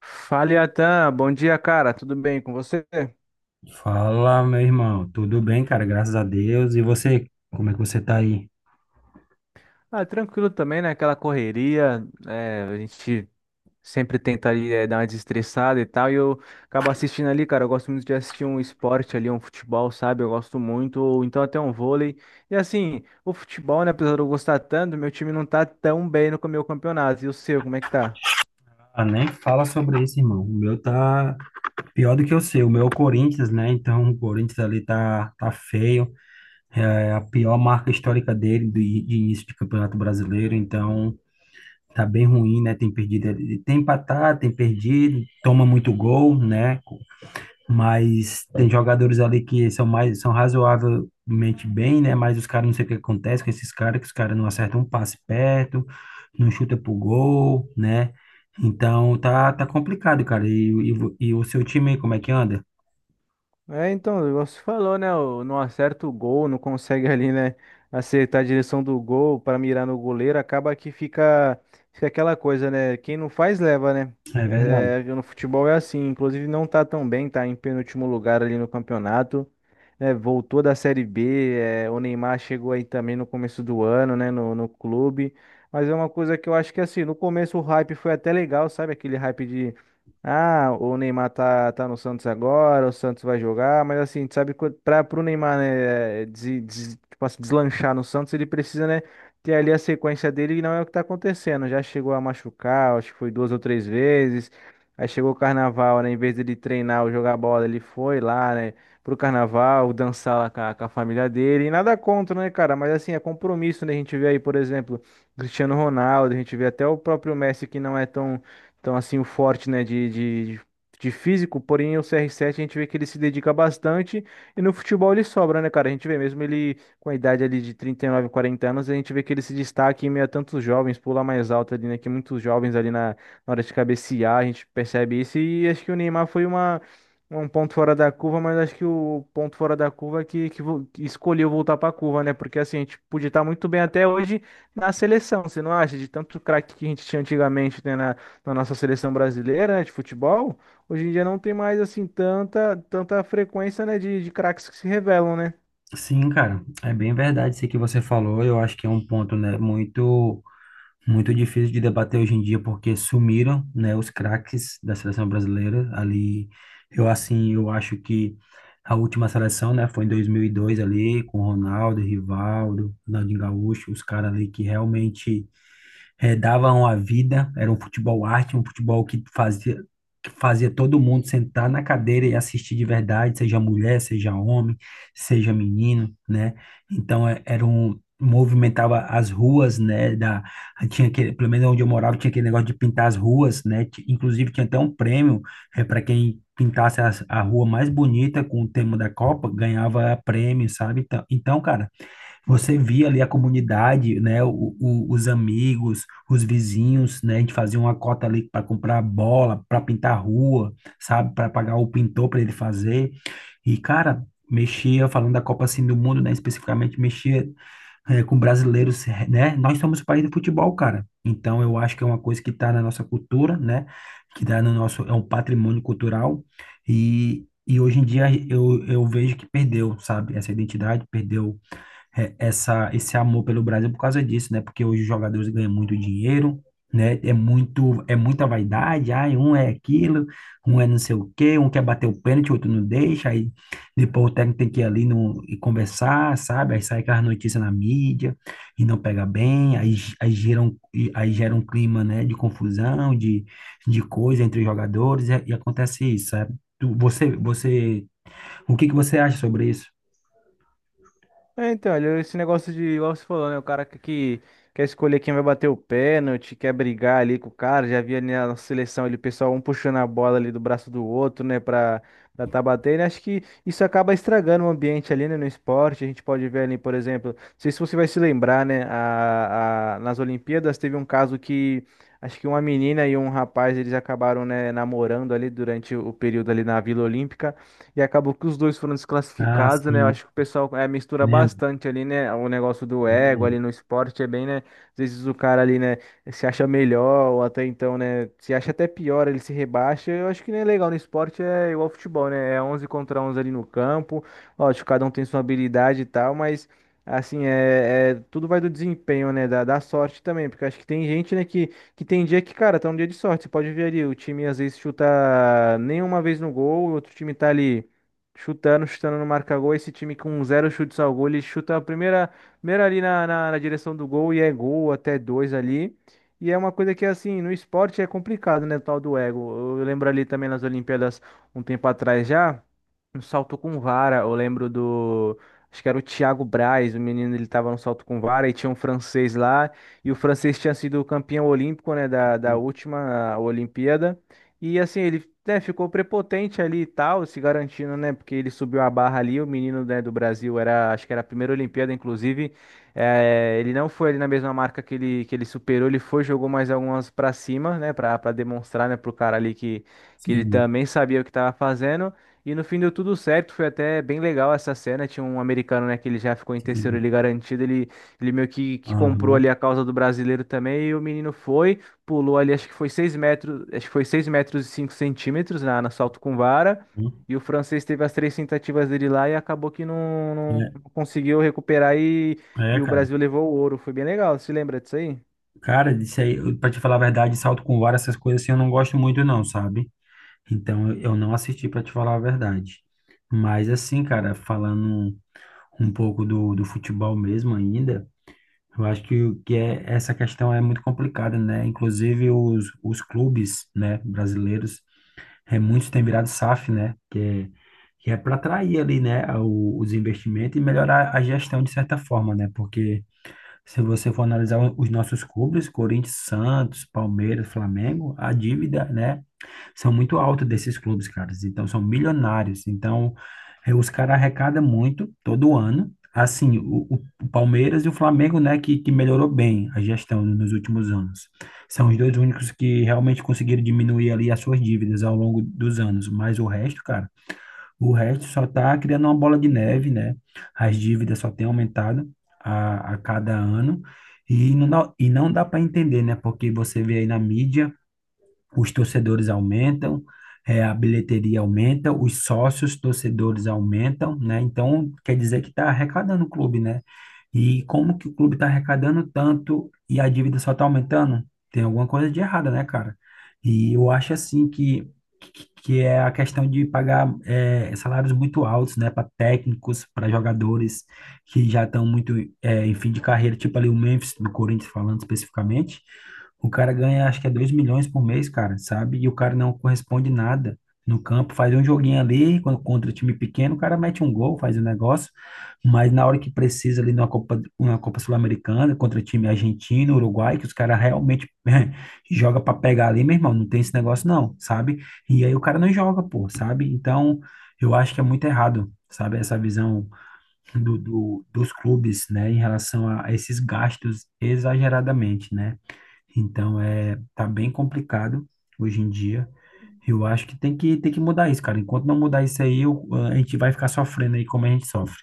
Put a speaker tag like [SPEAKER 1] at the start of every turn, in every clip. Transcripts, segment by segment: [SPEAKER 1] Fala, Atan. Bom dia, cara. Tudo bem com você?
[SPEAKER 2] Fala, meu irmão. Tudo bem, cara? Graças a Deus. E você? Como é que você tá aí?
[SPEAKER 1] Ah, tranquilo também, né? Aquela correria, é, a gente sempre tenta ali, é, dar uma desestressada e tal. E eu acabo assistindo ali, cara. Eu gosto muito de assistir um esporte ali, um futebol, sabe? Eu gosto muito, ou então até um vôlei. E assim, o futebol, né? Apesar de eu gostar tanto, meu time não tá tão bem no meu campeonato. E o seu, como é que tá?
[SPEAKER 2] Ah, nem fala sobre isso, irmão. O meu tá pior do que o seu. O meu é o Corinthians, né? Então, o Corinthians ali tá feio. É a pior marca histórica dele de início de Campeonato Brasileiro. Então, tá bem ruim, né? Tem perdido, tem empatado, tem perdido, toma muito gol, né? Mas tem jogadores ali que são razoavelmente bem, né? Mas os caras, não sei o que acontece com esses caras, que os caras não acertam um passe perto, não chuta pro gol, né? Então tá complicado, cara. E o seu time aí, como é que anda?
[SPEAKER 1] É, então, igual você falou, né? Não acerta o gol, não consegue ali, né? Acertar a direção do gol para mirar no goleiro, acaba que fica aquela coisa, né? Quem não faz, leva, né?
[SPEAKER 2] É verdade.
[SPEAKER 1] É, no futebol é assim, inclusive não tá tão bem, tá em penúltimo lugar ali no campeonato, né? Voltou da Série B, é, o Neymar chegou aí também no começo do ano, né? No clube, mas é uma coisa que eu acho que assim, no começo o hype foi até legal, sabe? Aquele hype ah, o Neymar tá no Santos agora, o Santos vai jogar, mas assim, tu sabe, que pro Neymar, né, tipo assim, deslanchar no Santos, ele precisa, né, ter ali a sequência dele e não é o que tá acontecendo. Já chegou a machucar, acho que foi duas ou três vezes. Aí chegou o Carnaval, né, em vez dele treinar ou jogar bola, ele foi lá, né, pro Carnaval, dançar lá com a família dele. E nada contra, né, cara, mas assim, é compromisso, né, a gente vê aí, por exemplo, Cristiano Ronaldo, a gente vê até o próprio Messi que não é tão então, assim, o forte, né, de físico, porém o CR7 a gente vê que ele se dedica bastante e no futebol ele sobra, né, cara? A gente vê mesmo ele com a idade ali de 39, 40 anos, a gente vê que ele se destaca em meio a tantos jovens, pula mais alto ali, né, que muitos jovens ali na hora de cabecear, a gente percebe isso e acho que o Neymar foi Um ponto fora da curva, mas acho que o ponto fora da curva é que escolheu voltar para a curva, né? Porque assim, a gente podia estar muito bem até hoje na seleção, você não acha? De tanto craque que a gente tinha antigamente, né? Na nossa seleção brasileira, né, de futebol, hoje em dia não tem mais assim tanta frequência, né, de craques que se revelam, né?
[SPEAKER 2] Sim, cara, é bem verdade isso que você falou. Eu acho que é um ponto, né, muito difícil de debater hoje em dia, porque sumiram, né, os craques da seleção brasileira ali. Eu, assim, eu acho que a última seleção, né, foi em 2002, ali com Ronaldo, Rivaldo, Ronaldinho Gaúcho, os caras ali que realmente, davam a vida. Era um futebol arte, um futebol que fazia todo mundo sentar na cadeira e assistir de verdade, seja mulher, seja homem, seja menino, né? Então, era um, movimentava as ruas, né, da, tinha aquele, pelo menos onde eu morava, tinha aquele negócio de pintar as ruas, né. Inclusive, tinha até um prêmio, para quem pintasse a rua mais bonita com o tema da Copa, ganhava prêmio, sabe? Então, cara, você via ali a comunidade, né, os amigos, os vizinhos, né. A gente fazia uma cota ali para comprar bola, para pintar a rua, sabe, para pagar o pintor para ele fazer. E, cara, mexia, falando da Copa assim do Mundo, né, especificamente, mexia, com brasileiros, né. Nós somos o país do futebol, cara. Então, eu acho que é uma coisa que está na nossa cultura, né, que está no nosso, é um patrimônio cultural. E hoje em dia eu vejo que perdeu, sabe, essa identidade, perdeu esse amor pelo Brasil por causa disso, né? Porque hoje os jogadores ganham muito dinheiro, né? É muita vaidade. Ai, um é aquilo, um é não sei o quê, um quer bater o pênalti, o outro não deixa, aí depois o técnico tem que ir ali no, e conversar, sabe? Aí sai aquelas notícias na mídia e não pega bem. Aí gera um clima, né, de confusão, de coisa entre os jogadores, e acontece isso, sabe? Você, o que que você acha sobre isso?
[SPEAKER 1] É, então, olha, esse negócio de, igual você falou, né? O cara que quer escolher quem vai bater o pênalti, quer brigar ali com o cara. Já havia na seleção ali o pessoal um puxando a bola ali do braço do outro, né? Pra tá batendo. Acho que isso acaba estragando o ambiente ali, né? No esporte. A gente pode ver ali, por exemplo, não sei se você vai se lembrar, né? Nas Olimpíadas teve um caso que. Acho que uma menina e um rapaz, eles acabaram, né, namorando ali durante o período ali na Vila Olímpica. E acabou que os dois foram
[SPEAKER 2] Ah,
[SPEAKER 1] desclassificados, né? Eu
[SPEAKER 2] sim,
[SPEAKER 1] acho que o pessoal é, mistura
[SPEAKER 2] lembro.
[SPEAKER 1] bastante ali, né? O negócio do ego ali no esporte é bem, né? Às vezes o cara ali, né, se acha melhor, ou até então, né, se acha até pior, ele se rebaixa. Eu acho que não é legal no esporte, é igual ao futebol, né? É 11 contra 11 ali no campo. Lógico, cada um tem sua habilidade e tal, mas. Assim, tudo vai do desempenho, né? Da sorte também, porque acho que tem gente, né, que tem dia que, cara, tá um dia de sorte. Você pode ver ali, o time às vezes chuta nenhuma vez no gol, o outro time tá ali chutando, chutando, não marca gol. Esse time com zero chutes ao gol, ele chuta a primeira ali na direção do gol e é gol, até dois ali. E é uma coisa que, assim, no esporte é complicado, né? O tal do ego. Eu lembro ali também nas Olimpíadas, um tempo atrás já, um salto com vara. Eu lembro do. Acho que era o Thiago Braz, o menino, ele tava no salto com vara e tinha um francês lá. E o francês tinha sido campeão olímpico, né, da última Olimpíada. E assim, ele, né, ficou prepotente ali e tal, se garantindo, né, porque ele subiu a barra ali. O menino, né, do Brasil era, acho que era a primeira Olimpíada, inclusive. Ele não foi ali na mesma marca que ele superou, ele foi, jogou mais algumas pra cima, né, pra demonstrar, né, pro cara ali que ele
[SPEAKER 2] Sim,
[SPEAKER 1] também sabia o que tava fazendo. E no fim deu tudo certo, foi até bem legal essa cena. Tinha um americano, né, que ele já ficou em terceiro
[SPEAKER 2] sim.
[SPEAKER 1] ali garantido. Ele meio que comprou
[SPEAKER 2] Aham.
[SPEAKER 1] ali a causa do brasileiro também, e o menino foi, pulou ali, acho que foi 6 metros, acho que foi 6 metros e 5 centímetros na salto com vara.
[SPEAKER 2] Hum.
[SPEAKER 1] E o francês teve as três tentativas dele lá e acabou que não conseguiu recuperar e,
[SPEAKER 2] É,
[SPEAKER 1] e
[SPEAKER 2] é,
[SPEAKER 1] o
[SPEAKER 2] cara.
[SPEAKER 1] Brasil levou o ouro. Foi bem legal, você lembra disso aí?
[SPEAKER 2] Cara, isso aí, pra te falar a verdade, salto com vara, essas coisas assim, eu não gosto muito, não, sabe? Então, eu não assisti, pra te falar a verdade. Mas, assim, cara, falando um pouco do futebol mesmo ainda, eu acho que, essa questão é muito complicada, né? Inclusive, os clubes, né, brasileiros, muitos têm virado SAF, né? Que é para atrair ali, né, os investimentos e melhorar a gestão, de certa forma, né? Porque, se você for analisar os nossos clubes, Corinthians, Santos, Palmeiras, Flamengo, a dívida, né, são muito alta desses clubes, caras. Então, são milionários. Então, os caras arrecadam muito todo ano. Assim, o Palmeiras e o Flamengo, né, que melhorou bem a gestão nos últimos anos. São os dois únicos que realmente conseguiram diminuir ali as suas dívidas ao longo dos anos. Mas o resto, cara, o resto só está criando uma bola de neve, né? As dívidas só têm aumentado a cada ano. E não dá para entender, né? Porque você vê aí na mídia, os torcedores aumentam, a bilheteria aumenta, os sócios torcedores aumentam, né? Então, quer dizer que está arrecadando o clube, né? E como que o clube está arrecadando tanto e a dívida só está aumentando? Tem alguma coisa de errada, né, cara? E eu acho, assim, que, é a questão de pagar, salários muito altos, né, para técnicos, para jogadores que já estão muito, em fim de carreira, tipo ali o Memphis, do Corinthians, falando especificamente. O cara ganha, acho que é 2 milhões por mês, cara, sabe? E o cara não corresponde nada no campo. Faz um joguinho ali, quando contra time pequeno, o cara mete um gol, faz um negócio. Mas na hora que precisa ali numa Copa Sul-Americana, contra time argentino, Uruguai, que os caras realmente joga para pegar ali, meu irmão, não tem esse negócio não, sabe? E aí o cara não joga, pô, sabe? Então, eu acho que é muito errado, sabe, essa visão dos clubes, né, em relação a esses gastos exageradamente, né? Então, tá bem complicado hoje em dia. Eu acho que tem que mudar isso, cara. Enquanto não mudar isso aí, a gente vai ficar sofrendo aí, como a gente sofre.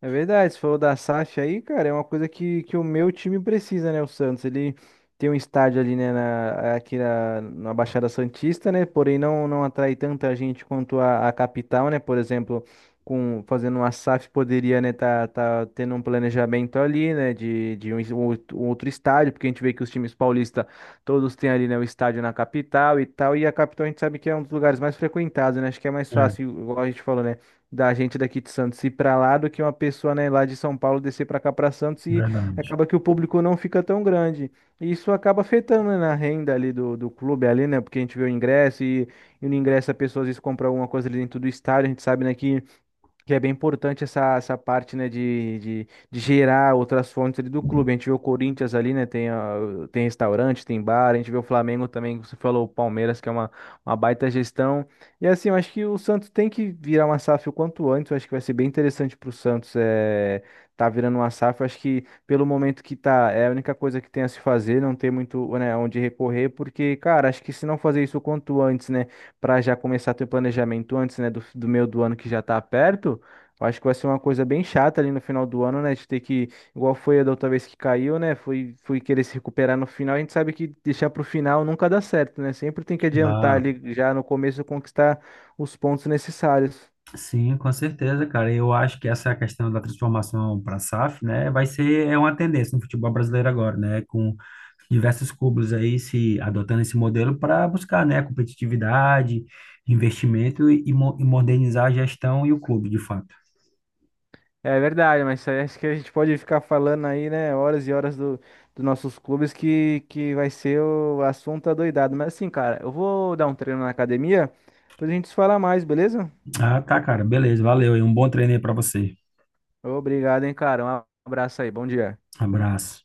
[SPEAKER 1] É verdade, se for da SAF aí, cara, é uma coisa que o meu time precisa, né? O Santos, ele tem um estádio ali, né, aqui na Baixada Santista, né? Porém, não, não atrai tanta gente quanto a capital, né? Por exemplo, fazendo uma SAF poderia, né, tá tendo um planejamento ali, né, de um outro estádio, porque a gente vê que os times paulistas todos têm ali, né, o estádio na capital e tal, e a capital a gente sabe que é um dos lugares mais frequentados, né? Acho que é mais
[SPEAKER 2] É,
[SPEAKER 1] fácil, igual a gente falou, né? Da gente daqui de Santos ir para lá do que uma pessoa, né, lá de São Paulo descer para cá para Santos e
[SPEAKER 2] verdade.
[SPEAKER 1] acaba que o público não fica tão grande. E isso acaba afetando, né, na renda ali do clube ali, né? Porque a gente vê o ingresso e no ingresso a pessoa às vezes compra alguma coisa ali dentro do estádio, a gente sabe, né, que é bem importante essa parte, né, de gerar outras fontes ali do clube. A gente vê o Corinthians ali, né, tem restaurante, tem bar. A gente vê o Flamengo também, que você falou, o Palmeiras, que é uma baita gestão. E assim, eu acho que o Santos tem que virar uma SAF o quanto antes. Eu acho que vai ser bem interessante para o Santos tá virando uma SAF. Eu acho que pelo momento que tá, é a única coisa que tem a se fazer, não tem muito, né, onde recorrer, porque, cara, acho que se não fazer isso o quanto antes, né, para já começar a ter planejamento antes, né, do meio do ano que já tá perto. Eu acho que vai ser uma coisa bem chata ali no final do ano, né? De ter que, igual foi a da outra vez que caiu, né? Foi querer se recuperar no final. A gente sabe que deixar pro final nunca dá certo, né? Sempre tem que adiantar
[SPEAKER 2] Ah,
[SPEAKER 1] ali já no começo conquistar os pontos necessários.
[SPEAKER 2] sim, com certeza, cara. Eu acho que essa questão da transformação para a SAF, né, vai ser uma tendência no futebol brasileiro agora, né, com diversos clubes aí se adotando esse modelo para buscar, né, competitividade, investimento e modernizar a gestão e o clube, de fato.
[SPEAKER 1] É verdade, mas isso aí acho que a gente pode ficar falando aí, né? Horas e horas dos nossos clubes que vai ser o assunto adoidado. Mas assim, cara, eu vou dar um treino na academia, depois a gente se fala mais, beleza?
[SPEAKER 2] Ah, tá, cara. Beleza. Valeu aí. Um bom treino aí pra você.
[SPEAKER 1] Obrigado, hein, cara. Um abraço aí, bom dia.
[SPEAKER 2] Abraço.